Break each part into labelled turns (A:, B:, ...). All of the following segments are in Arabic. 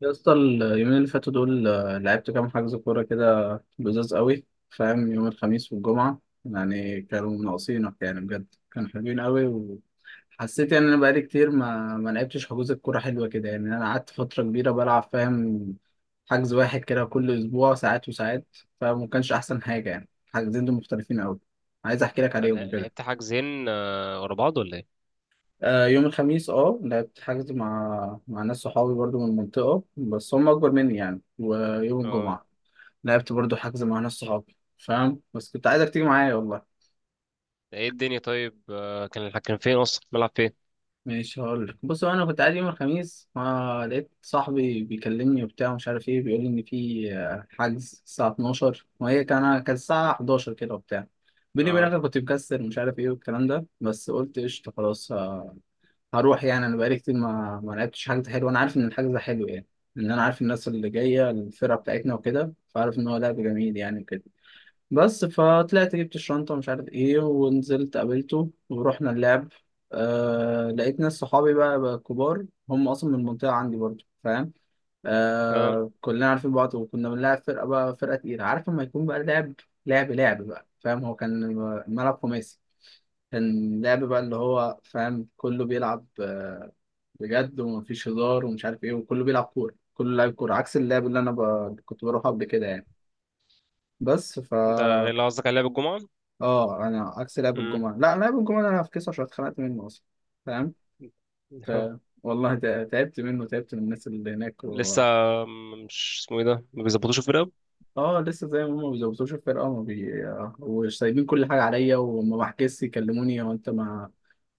A: يا اسطى اليومين اللي فاتوا دول لعبت كام حجز كورة كده. لذاذ قوي، فاهم؟ يوم الخميس والجمعة، يعني كانوا ناقصينك، يعني بجد كانوا حلوين قوي. وحسيت يعني إن أنا بقالي كتير ما لعبتش حجوز الكورة حلوة كده. يعني أنا قعدت فترة كبيرة بلعب، فاهم؟ حجز واحد كده كل أسبوع، ساعات وساعات، فما كانش أحسن حاجة. يعني حجزين دول مختلفين قوي، عايز أحكي لك عليهم كده.
B: لعبت حاجزين، ورا بعض ولا ايه؟
A: يوم الخميس لعبت حجز مع ناس صحابي برضو من المنطقة، بس هم أكبر مني يعني. ويوم
B: اه،
A: الجمعة لعبت برضو حجز مع ناس صحابي، فاهم؟ بس كنت عايزك تيجي معايا والله.
B: ايه الدنيا؟ طيب، كان فين اصلا؟ ملعب فين؟
A: ماشي، هقول لك. بص، هو انا كنت قاعد يوم الخميس، ما لقيت صاحبي بيكلمني وبتاع، مش عارف ايه، بيقول لي ان في حجز الساعه 12، وهي كانت الساعه 11 كده وبتاع. بيني وبينك
B: اه،
A: أنا كنت مكسر، مش عارف ايه والكلام ده، بس قلت قشطه خلاص. هروح، يعني انا بقالي كتير ما لعبتش حجز حلو. انا عارف ان الحجز ده حلو يعني، ان انا عارف الناس اللي جايه، الفرقه بتاعتنا وكده، فعارف ان هو لعب جميل يعني وكده. بس فطلعت جبت الشنطة ومش عارف ايه، ونزلت قابلته ورحنا اللعب. آه، لقيت ناس صحابي بقى كبار، هم أصلا من المنطقة عندي برضه، فاهم؟
B: اه،
A: آه، كلنا عارفين بعض وكنا بنلعب فرقة بقى، فرقة تقيلة. عارف لما يكون بقى لعب، لعب بقى، فاهم؟ هو كان ملعب خماسي. كان لعب بقى، اللي هو فاهم، كله بيلعب بجد، ومفيش هزار ومش عارف ايه، وكله بيلعب كورة، كله لاعب كورة، عكس اللعب اللي انا كنت بروحه قبل كده يعني. بس ف
B: ده غير اللي قصدك على لعب الجمعة؟
A: اه انا عكس لعب
B: امم.
A: الجمعه، لا، لعب الجمعه ده انا في كيس، عشان اتخنقت منه اصلا. فاهم؟ ف
B: آه.
A: والله تعبت منه، تعبت من الناس اللي هناك
B: لسه.
A: و...
B: مش اسمه ايه ده؟ ما بيظبطوش الفرقة؟
A: اه لسه زي ما هم، ما بيظبطوش الفرقه، وما وسايبين كل حاجه عليا، وما بحجزش، يكلموني هو انت ما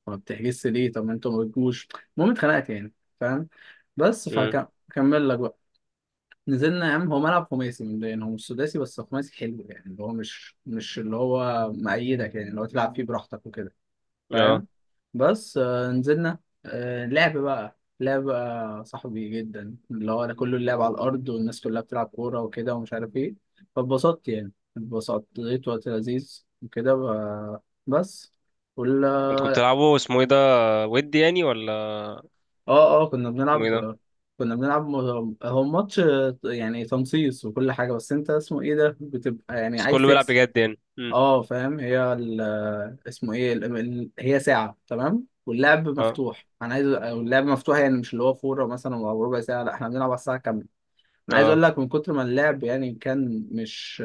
A: ما بتحجزش ليه؟ طب ما انتوا ما بتجوش. المهم اتخنقت يعني، فاهم؟ بس
B: امم.
A: فهكمل لك بقى. نزلنا يا عم، هو ملعب خماسي، من يعني هو مش سداسي، بس خماسي حلو يعني، اللي هو مش اللي هو مأيدك، يعني اللي هو تلعب فيه براحتك وكده،
B: اه،
A: فاهم؟ بس آه، نزلنا. آه، لعب بقى، لعب بقى صاحبي جدا، اللي هو انا كله، اللعب على الارض، والناس كلها بتلعب كوره وكده، ومش عارف ايه. فاتبسطت يعني، اتبسطت، لقيت وقت لذيذ وكده. بس
B: انتوا كنتوا
A: ولا
B: بتلعبوا اسمه ايه ده؟ ودي يعني ولا
A: اه كنا
B: اسمه ايه ده؟
A: بنلعب. كنا بنلعب هو ماتش يعني تنصيص وكل حاجه، بس انت اسمه ايه ده، بتبقى يعني
B: بس
A: عايز
B: كله بيلعب
A: تكسب.
B: بجد يعني. امم.
A: اه فاهم؟ اسمه ايه، هي ساعة تمام واللعب
B: اه،
A: مفتوح، انا عايز اللعب مفتوح، يعني مش اللي هو فورة مثلا او ربع ساعة، لا احنا بنلعب على الساعة كاملة. انا عايز اقول
B: اه،
A: لك، من كتر ما اللعب يعني، كان مش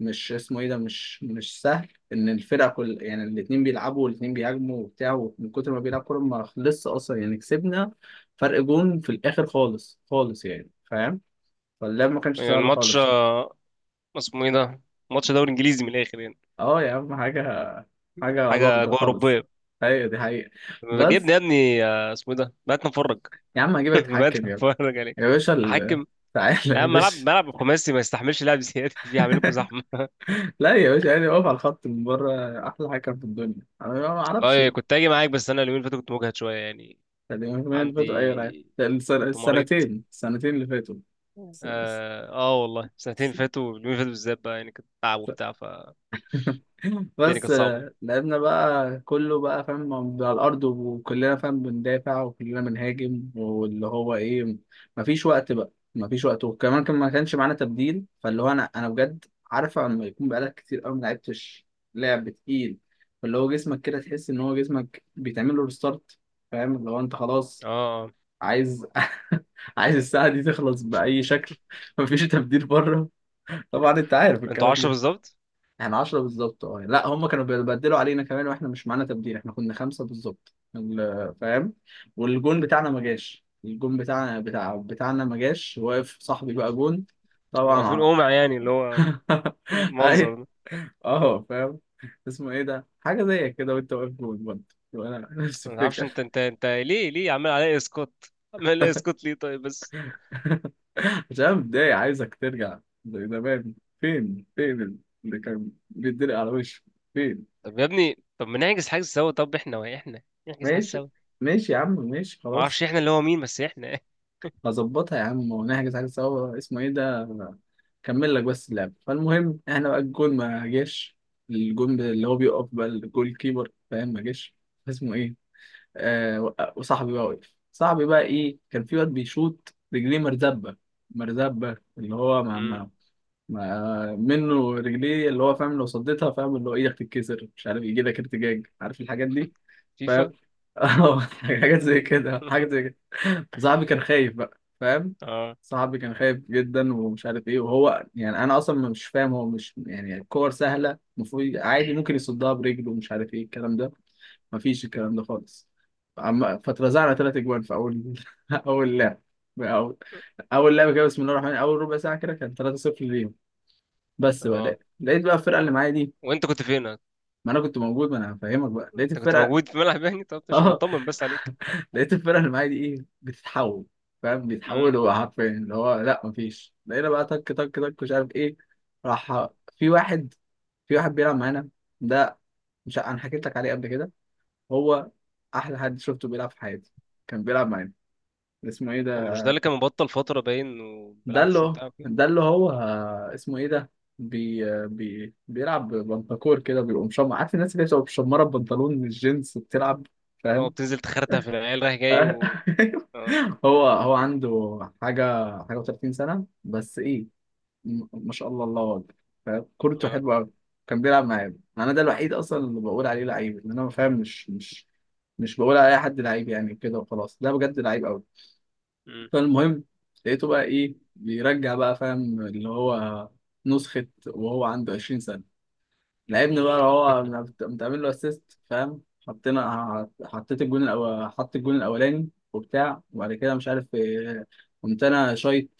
A: مش اسمه ايه ده، مش سهل. ان الفرقة كل يعني الاتنين بيلعبوا والاتنين بيهاجموا وبتاع، ومن كتر ما بيلعب كورة ما خلصش اصلا. يعني كسبنا فرق جون في الاخر خالص خالص، يعني فاهم؟ فاللعب ما كانش
B: يعني
A: سهل
B: الماتش،
A: خالص.
B: اسمه ايه ده؟ ماتش دوري انجليزي من الاخر يعني.
A: اه يا عم حاجة، حاجة
B: حاجة
A: علاقة
B: أجواء
A: خالص.
B: أوروبية.
A: ايوه دي حقيقة. بس
B: بجيبني يا ابني، اسمه ايه ده؟ بقيت نفرج.
A: يا عم هجيبك تحكم
B: بدأ
A: يا ابني.
B: اتفرج عليه.
A: يا باشا ال...
B: احكم.
A: تعالى يا
B: لا، ملعب
A: باشا.
B: ملعب خماسي ما يستحملش لعب زياده. فيه هعمل لكم زحمه.
A: لا يا باشا، يعني واقف على الخط من بره، أحلى حكم في الدنيا، أنا ما أعرفش.
B: اه، كنت اجي معاك، بس انا اليومين اللي فاتوا كنت مجهد شويه يعني.
A: يعني من اللي فاتوا أي لعيب؟
B: عندي. كنت مريض.
A: السنتين اللي فاتوا. الس-
B: اه، والله سنتين
A: الس-
B: فاتوا، اليومين اللي فاتوا بالذات بقى يعني، كنت تعب وبتاع، فالدنيا كانت
A: بس
B: صعبه.
A: لعبنا بقى، كله بقى فاهم على الأرض، وكلنا فاهم بندافع، وكلنا بنهاجم، واللي هو إيه، مفيش وقت بقى، مفيش وقت، وكمان كان ما كانش معانا تبديل. فاللي هو أنا بجد، عارفة لما يكون بقالك كتير قوي ما لعبتش لعب تقيل، فاللي هو جسمك كده تحس إن هو جسمك بيتعمل له ريستارت. فاهم؟ اللي هو أنت خلاص
B: اه. آه.
A: عايز، عايز الساعة دي تخلص بأي شكل. مفيش تبديل بره، طبعا أنت عارف
B: انتوا
A: الكلام
B: 10
A: ده.
B: بالظبط.
A: احنا 10 بالظبط، لا، هم كانوا بيبدلوا علينا كمان، واحنا مش معانا تبديل، احنا كنا خمسة بالظبط فاهم. والجون بتاعنا ما جاش، الجون بتاعنا، بتاعنا ما جاش، واقف صاحبي بقى جون. طبعا
B: واقفين قمع يعني اللي هو، منظر
A: ايوه.
B: ده.
A: اه فاهم، اسمه ايه ده، حاجة زي كده، وانت واقف جون برضه، وانا نفس
B: ما تعرفش
A: الفكرة.
B: انت، انت ليه عمال عليا اسقاط؟ عمال عليا اسقاط ليه؟ طيب بس.
A: عشان أنا متضايق، عايزك ترجع زي زمان. فين، فين اللي كان بيتدرق على وشه؟ فين؟
B: طب يا ابني، طب ما نحجز حاجه سوا، طب احنا نحجز حاجه
A: ماشي،
B: سوا.
A: ماشي يا عم ماشي
B: ما اعرفش
A: خلاص.
B: احنا اللي هو مين، بس احنا.
A: هظبطها يا عم ونحجز حاجة سوا، اسمه ايه ده. كمل لك بس اللعب. فالمهم احنا بقى، الجون ما جاش، الجون اللي هو بيقف بقى، الجول كيبر، فاهم؟ ما جاش. اسمه ايه، آه وصاحبي بقى وقف، صاحبي بقى ايه، كان في واد بيشوط رجليه مرزبة، مرزبة، اللي هو
B: مم.
A: منه رجليه، اللي هو فاهم، لو صديتها فاهم اللي هو ايدك تتكسر، مش عارف يجي لك ارتجاج، عارف الحاجات دي فاهم.
B: فيفا.
A: اه حاجات زي كده، حاجات زي كده. فصاحبي كان خايف بقى، فاهم؟
B: اه،
A: صاحبي كان خايف جدا ومش عارف ايه. وهو يعني انا اصلا مش فاهم، هو مش يعني الكور سهله، المفروض عادي ممكن يصدها برجله، ومش عارف ايه الكلام ده، مفيش الكلام ده خالص. فاترزعنا 3 اجوان في اول اول لعب، اول اول لعبه كده، بسم الله الرحمن الرحيم، اول ربع ساعه كده كان 3-0 ليهم. بس بقى، لقيت
B: اه،
A: لقيت بقى الفرقه اللي معايا دي.
B: وانت كنت فين؟
A: ما انا كنت موجود، ما انا هفهمك بقى. لقيت
B: انت كنت
A: الفرقه
B: موجود في ملعب يعني؟ طب مش
A: اه
B: بطمن بس عليك؟
A: لقيت الفرقه اللي معايا دي ايه، بتتحول، فاهم؟
B: امم.
A: بيتحولوا حرفيا، اللي هو لا مفيش، لقينا بقى تك تك تك، مش عارف ايه. راح في واحد، في واحد بيلعب معانا، ده مش ع- انا حكيت لك عليه قبل كده، هو احلى حد شفته بيلعب في حياتي، كان بيلعب معانا. اسمه ايه
B: هو
A: ده،
B: مش ده اللي كان مبطل فتره باين وما
A: ده اللي
B: بيلعبش
A: هو
B: وبتاع كده؟
A: ده اللي هو اسمه ايه ده، بيلعب بنطاكور كده، بيقوم مشمر، عارف الناس اللي بتبقى مشمره ببنطلون الجينز وبتلعب،
B: هو
A: فاهم؟
B: بتنزل تخرتها في العيال رايح جاي و... اه،
A: هو عنده حاجه، حاجه و30 سنه بس ايه، ما شاء الله، الله اكبر. فاهم؟ كورته
B: اه،
A: حلوه قوي. كان بيلعب معايا انا، ده الوحيد اصلا اللي بقول عليه لعيب، ان انا فاهم، مش بقول على اي حد لعيب يعني كده وخلاص، ده بجد لعيب.
B: مم.
A: فالمهم لقيته بقى ايه، بيرجع بقى فاهم، اللي هو نسخة وهو عنده 20 سنة. لعبني بقى هو، متعمل له اسيست، فاهم؟ حطينا، حطيت الجون الأول، حط الجون الأولاني وبتاع. وبعد كده مش عارف إيه، قمت أنا شايط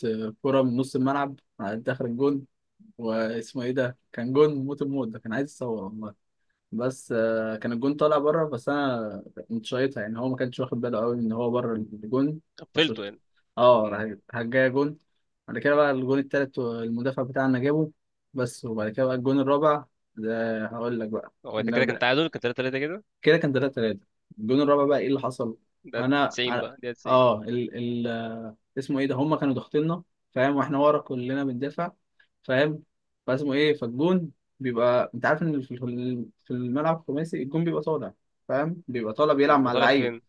A: كرة من نص الملعب على داخل الجون. واسمه ايه ده، كان جون موت، الموت ده، كان عايز يصور. بس آه، كان الجون طالع بره، بس انا كنت شايطها يعني، هو ما كانش واخد باله قوي ان هو بره الجون. فشوط،
B: قفلته يعني.
A: اه
B: مم.
A: راح جايه جون. بعد كده بقى الجون التالت، المدافع بتاعنا جابه. بس، وبعد كده بقى الجون الرابع، ده هقول لك بقى،
B: هو ده كده كان
A: نبدأ.
B: تعادل، كان 3-3 كده.
A: كده كان 3 3. الجون الرابع بقى ايه اللي حصل،
B: ده
A: انا
B: 90
A: أنا-
B: بقى، ده 90.
A: اه ال... اسمه ايه ده، هم كانوا ضاغطيننا، فاهم؟ واحنا ورا كلنا بندافع، فاهم؟ فاسمه ايه، فالجون بيبقى، انت عارف ان في الملعب الخماسي الجون بيبقى طالع، فاهم؟ بيبقى طالع، بيلعب
B: بيبقى
A: مع
B: طالع
A: اللعيب.
B: فين؟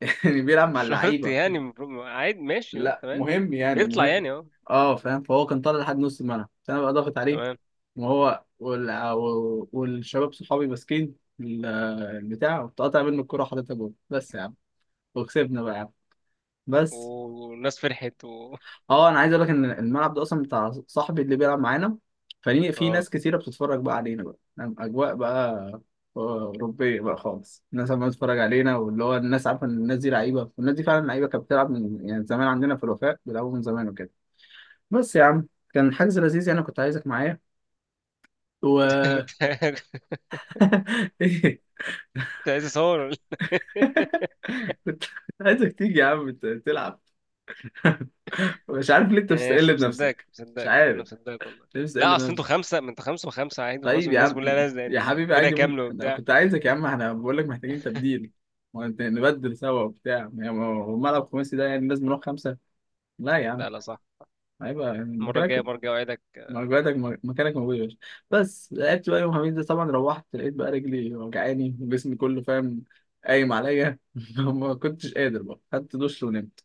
A: يعني بيلعب
B: مش
A: مع
B: شرط
A: اللعيبه.
B: يعني. عادي، ماشي، اه،
A: لا
B: تمام.
A: مهم يعني،
B: بيطلع
A: مهم.
B: يعني، اه،
A: اه فاهم؟ فهو كان طالع لحد نص الملعب، فانا بقى ضاغط عليه،
B: تمام.
A: وهو والشباب صحابي ماسكين البتاع، وقطع منه الكوره وحاططها جول. بس يا عم، وكسبنا بقى يا عم. بس
B: والناس فرحت.
A: اه انا عايز اقول لك، ان الملعب ده اصلا بتاع صاحبي اللي بيلعب معانا، فليه في
B: اه،
A: ناس كتيره بتتفرج بقى علينا بقى. نعم، اجواء بقى آه، اوروبيه بقى خالص، الناس عماله تتفرج علينا، واللي هو الناس عارفه ان الناس دي لعيبه، والناس دي فعلا لعيبه، كانت بتلعب من يعني زمان، عندنا في الوفاء بيلعبوا من زمان وكده. بس يا عم، كان حجز لذيذ يعني، كنت عايزك معايا. و
B: كنت، كنت
A: إيه؟
B: كنت عايز اصور ولا
A: كنت عايزك تيجي يا عم تلعب، مش عارف ليه انت
B: إيه؟ يعني مش
A: بتستقل
B: مصدقك،
A: بنفسك، مش
B: مصدقك، انا
A: عارف
B: مصدقك والله.
A: ليه بتستقل
B: لا، اصل انتوا
A: بنفسك.
B: خمسه، ما انتوا خمسه وخمسه عادي خلاص،
A: طيب يا
B: والناس كلها
A: عم،
B: نازله
A: يا
B: يعني،
A: حبيبي،
B: فرقه
A: عادي ممكن.
B: كامله
A: أنا
B: وبتاع.
A: كنت عايزك يا عم، احنا بقول لك محتاجين تبديل، ما أنت نبدل سوا وبتاع، يعني ما هو ملعب خماسي ده يعني لازم نروح خمسة. لا يا عم،
B: لا، لا، صح.
A: هيبقى يعني
B: المره
A: مكانك،
B: الجايه برجع، اوعدك.
A: مكانك موجود يا باشا. بس لعبت بقى يوم الخميس ده، طبعا روحت لقيت بقى رجلي وجعاني وجسمي كله فاهم، قايم عليا. ما كنتش قادر بقى، خدت دش ونمت.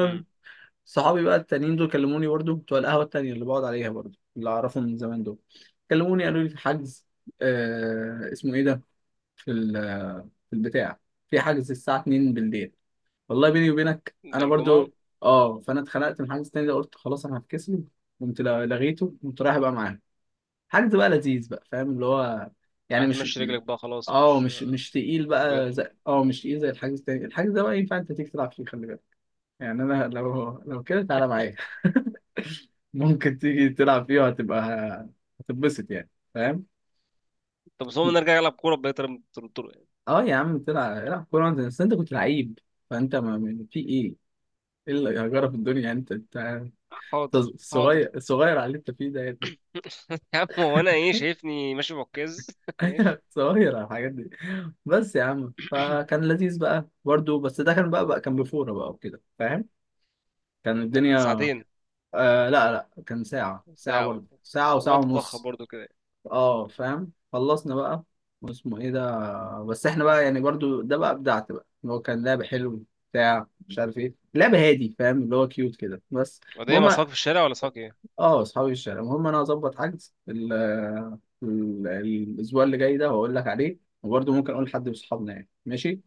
B: امم.
A: صحابي بقى التانيين دول كلموني برضو، بتوع القهوة التانية اللي بقعد عليها برضو، اللي أعرفهم من زمان دول، كلموني قالوا لي في حجز. آه اسمه إيه ده، في في البتاع، في حجز الساعة 2 بالليل. والله بيني وبينك
B: ده
A: أنا
B: الجمعه؟
A: برضو، أه، فأنا اتخنقت من الحجز التاني ده، قلت خلاص أنا هفكسله. قمت لغيته، قمت رايح بقى معاهم. حجز بقى لذيذ بقى، فاهم؟ اللي هو
B: راح
A: يعني مش
B: تمشي رجلك بقى، خلاص
A: اه
B: مش...
A: مش تقيل
B: مش
A: بقى
B: بجد.
A: زي، مش تقيل زي الحجز التاني. الحجز ده بقى ينفع انت تيجي تلعب فيه، خلي بالك، يعني انا لو، لو كده تعالى معايا، ممكن تيجي تلعب فيه، وهتبقى، هتتبسط يعني، فاهم؟
B: طب بس هو نرجع العب كوره بقيت طرق يعني.
A: اه يا عم تلعب، العب كوره انت، بس انت كنت لعيب، فانت في ايه، ايه اللي هجرة في الدنيا يعني، انت انت
B: حاضر.
A: أنت
B: حاضر.
A: صغير، صغير على اللي انت فيه ده يعني.
B: يا عم، هو انا ايه؟ شايفني ماشي بعكاز؟ ماشي.
A: صغير على الحاجات دي. بس يا عم، فكان لذيذ بقى برضه، بس ده كان بقى كان بفوره بقى وكده، فاهم؟ كان
B: ده كنت
A: الدنيا،
B: ساعتين؟
A: آه لا لا، كان ساعه، ساعه
B: ساعه.
A: برضه، ساعه وساعه
B: الوقت اتضخم
A: ونص.
B: برضو كده.
A: اه فاهم؟ خلصنا بقى. واسمه ايه ده، بس احنا بقى يعني برضو، ده بقى ابدعت بقى، اللي هو كان لعب حلو، بتاع مش عارف ايه، لعب هادي فاهم، اللي هو كيوت كده بس.
B: وده ايه؟ مع
A: المهم
B: صحابك في الشارع ولا صحابك ايه؟
A: اه اصحابي الشارع. المهم انا هظبط حجز الاسبوع اللي جاي ده، وهقول لك عليه، وبرضو ممكن اقول لحد من اصحابنا يعني، ماشي؟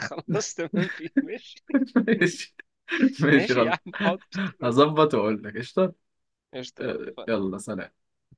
B: خلاص، تمام، في، ماشي.
A: ماشي، ماشي
B: ماشي يا
A: غلط.
B: عم، حاضر، تمام.
A: هظبط واقول لك قشطه.
B: قشطة يا عم،
A: آه،
B: اتفقنا.
A: يلا سلام.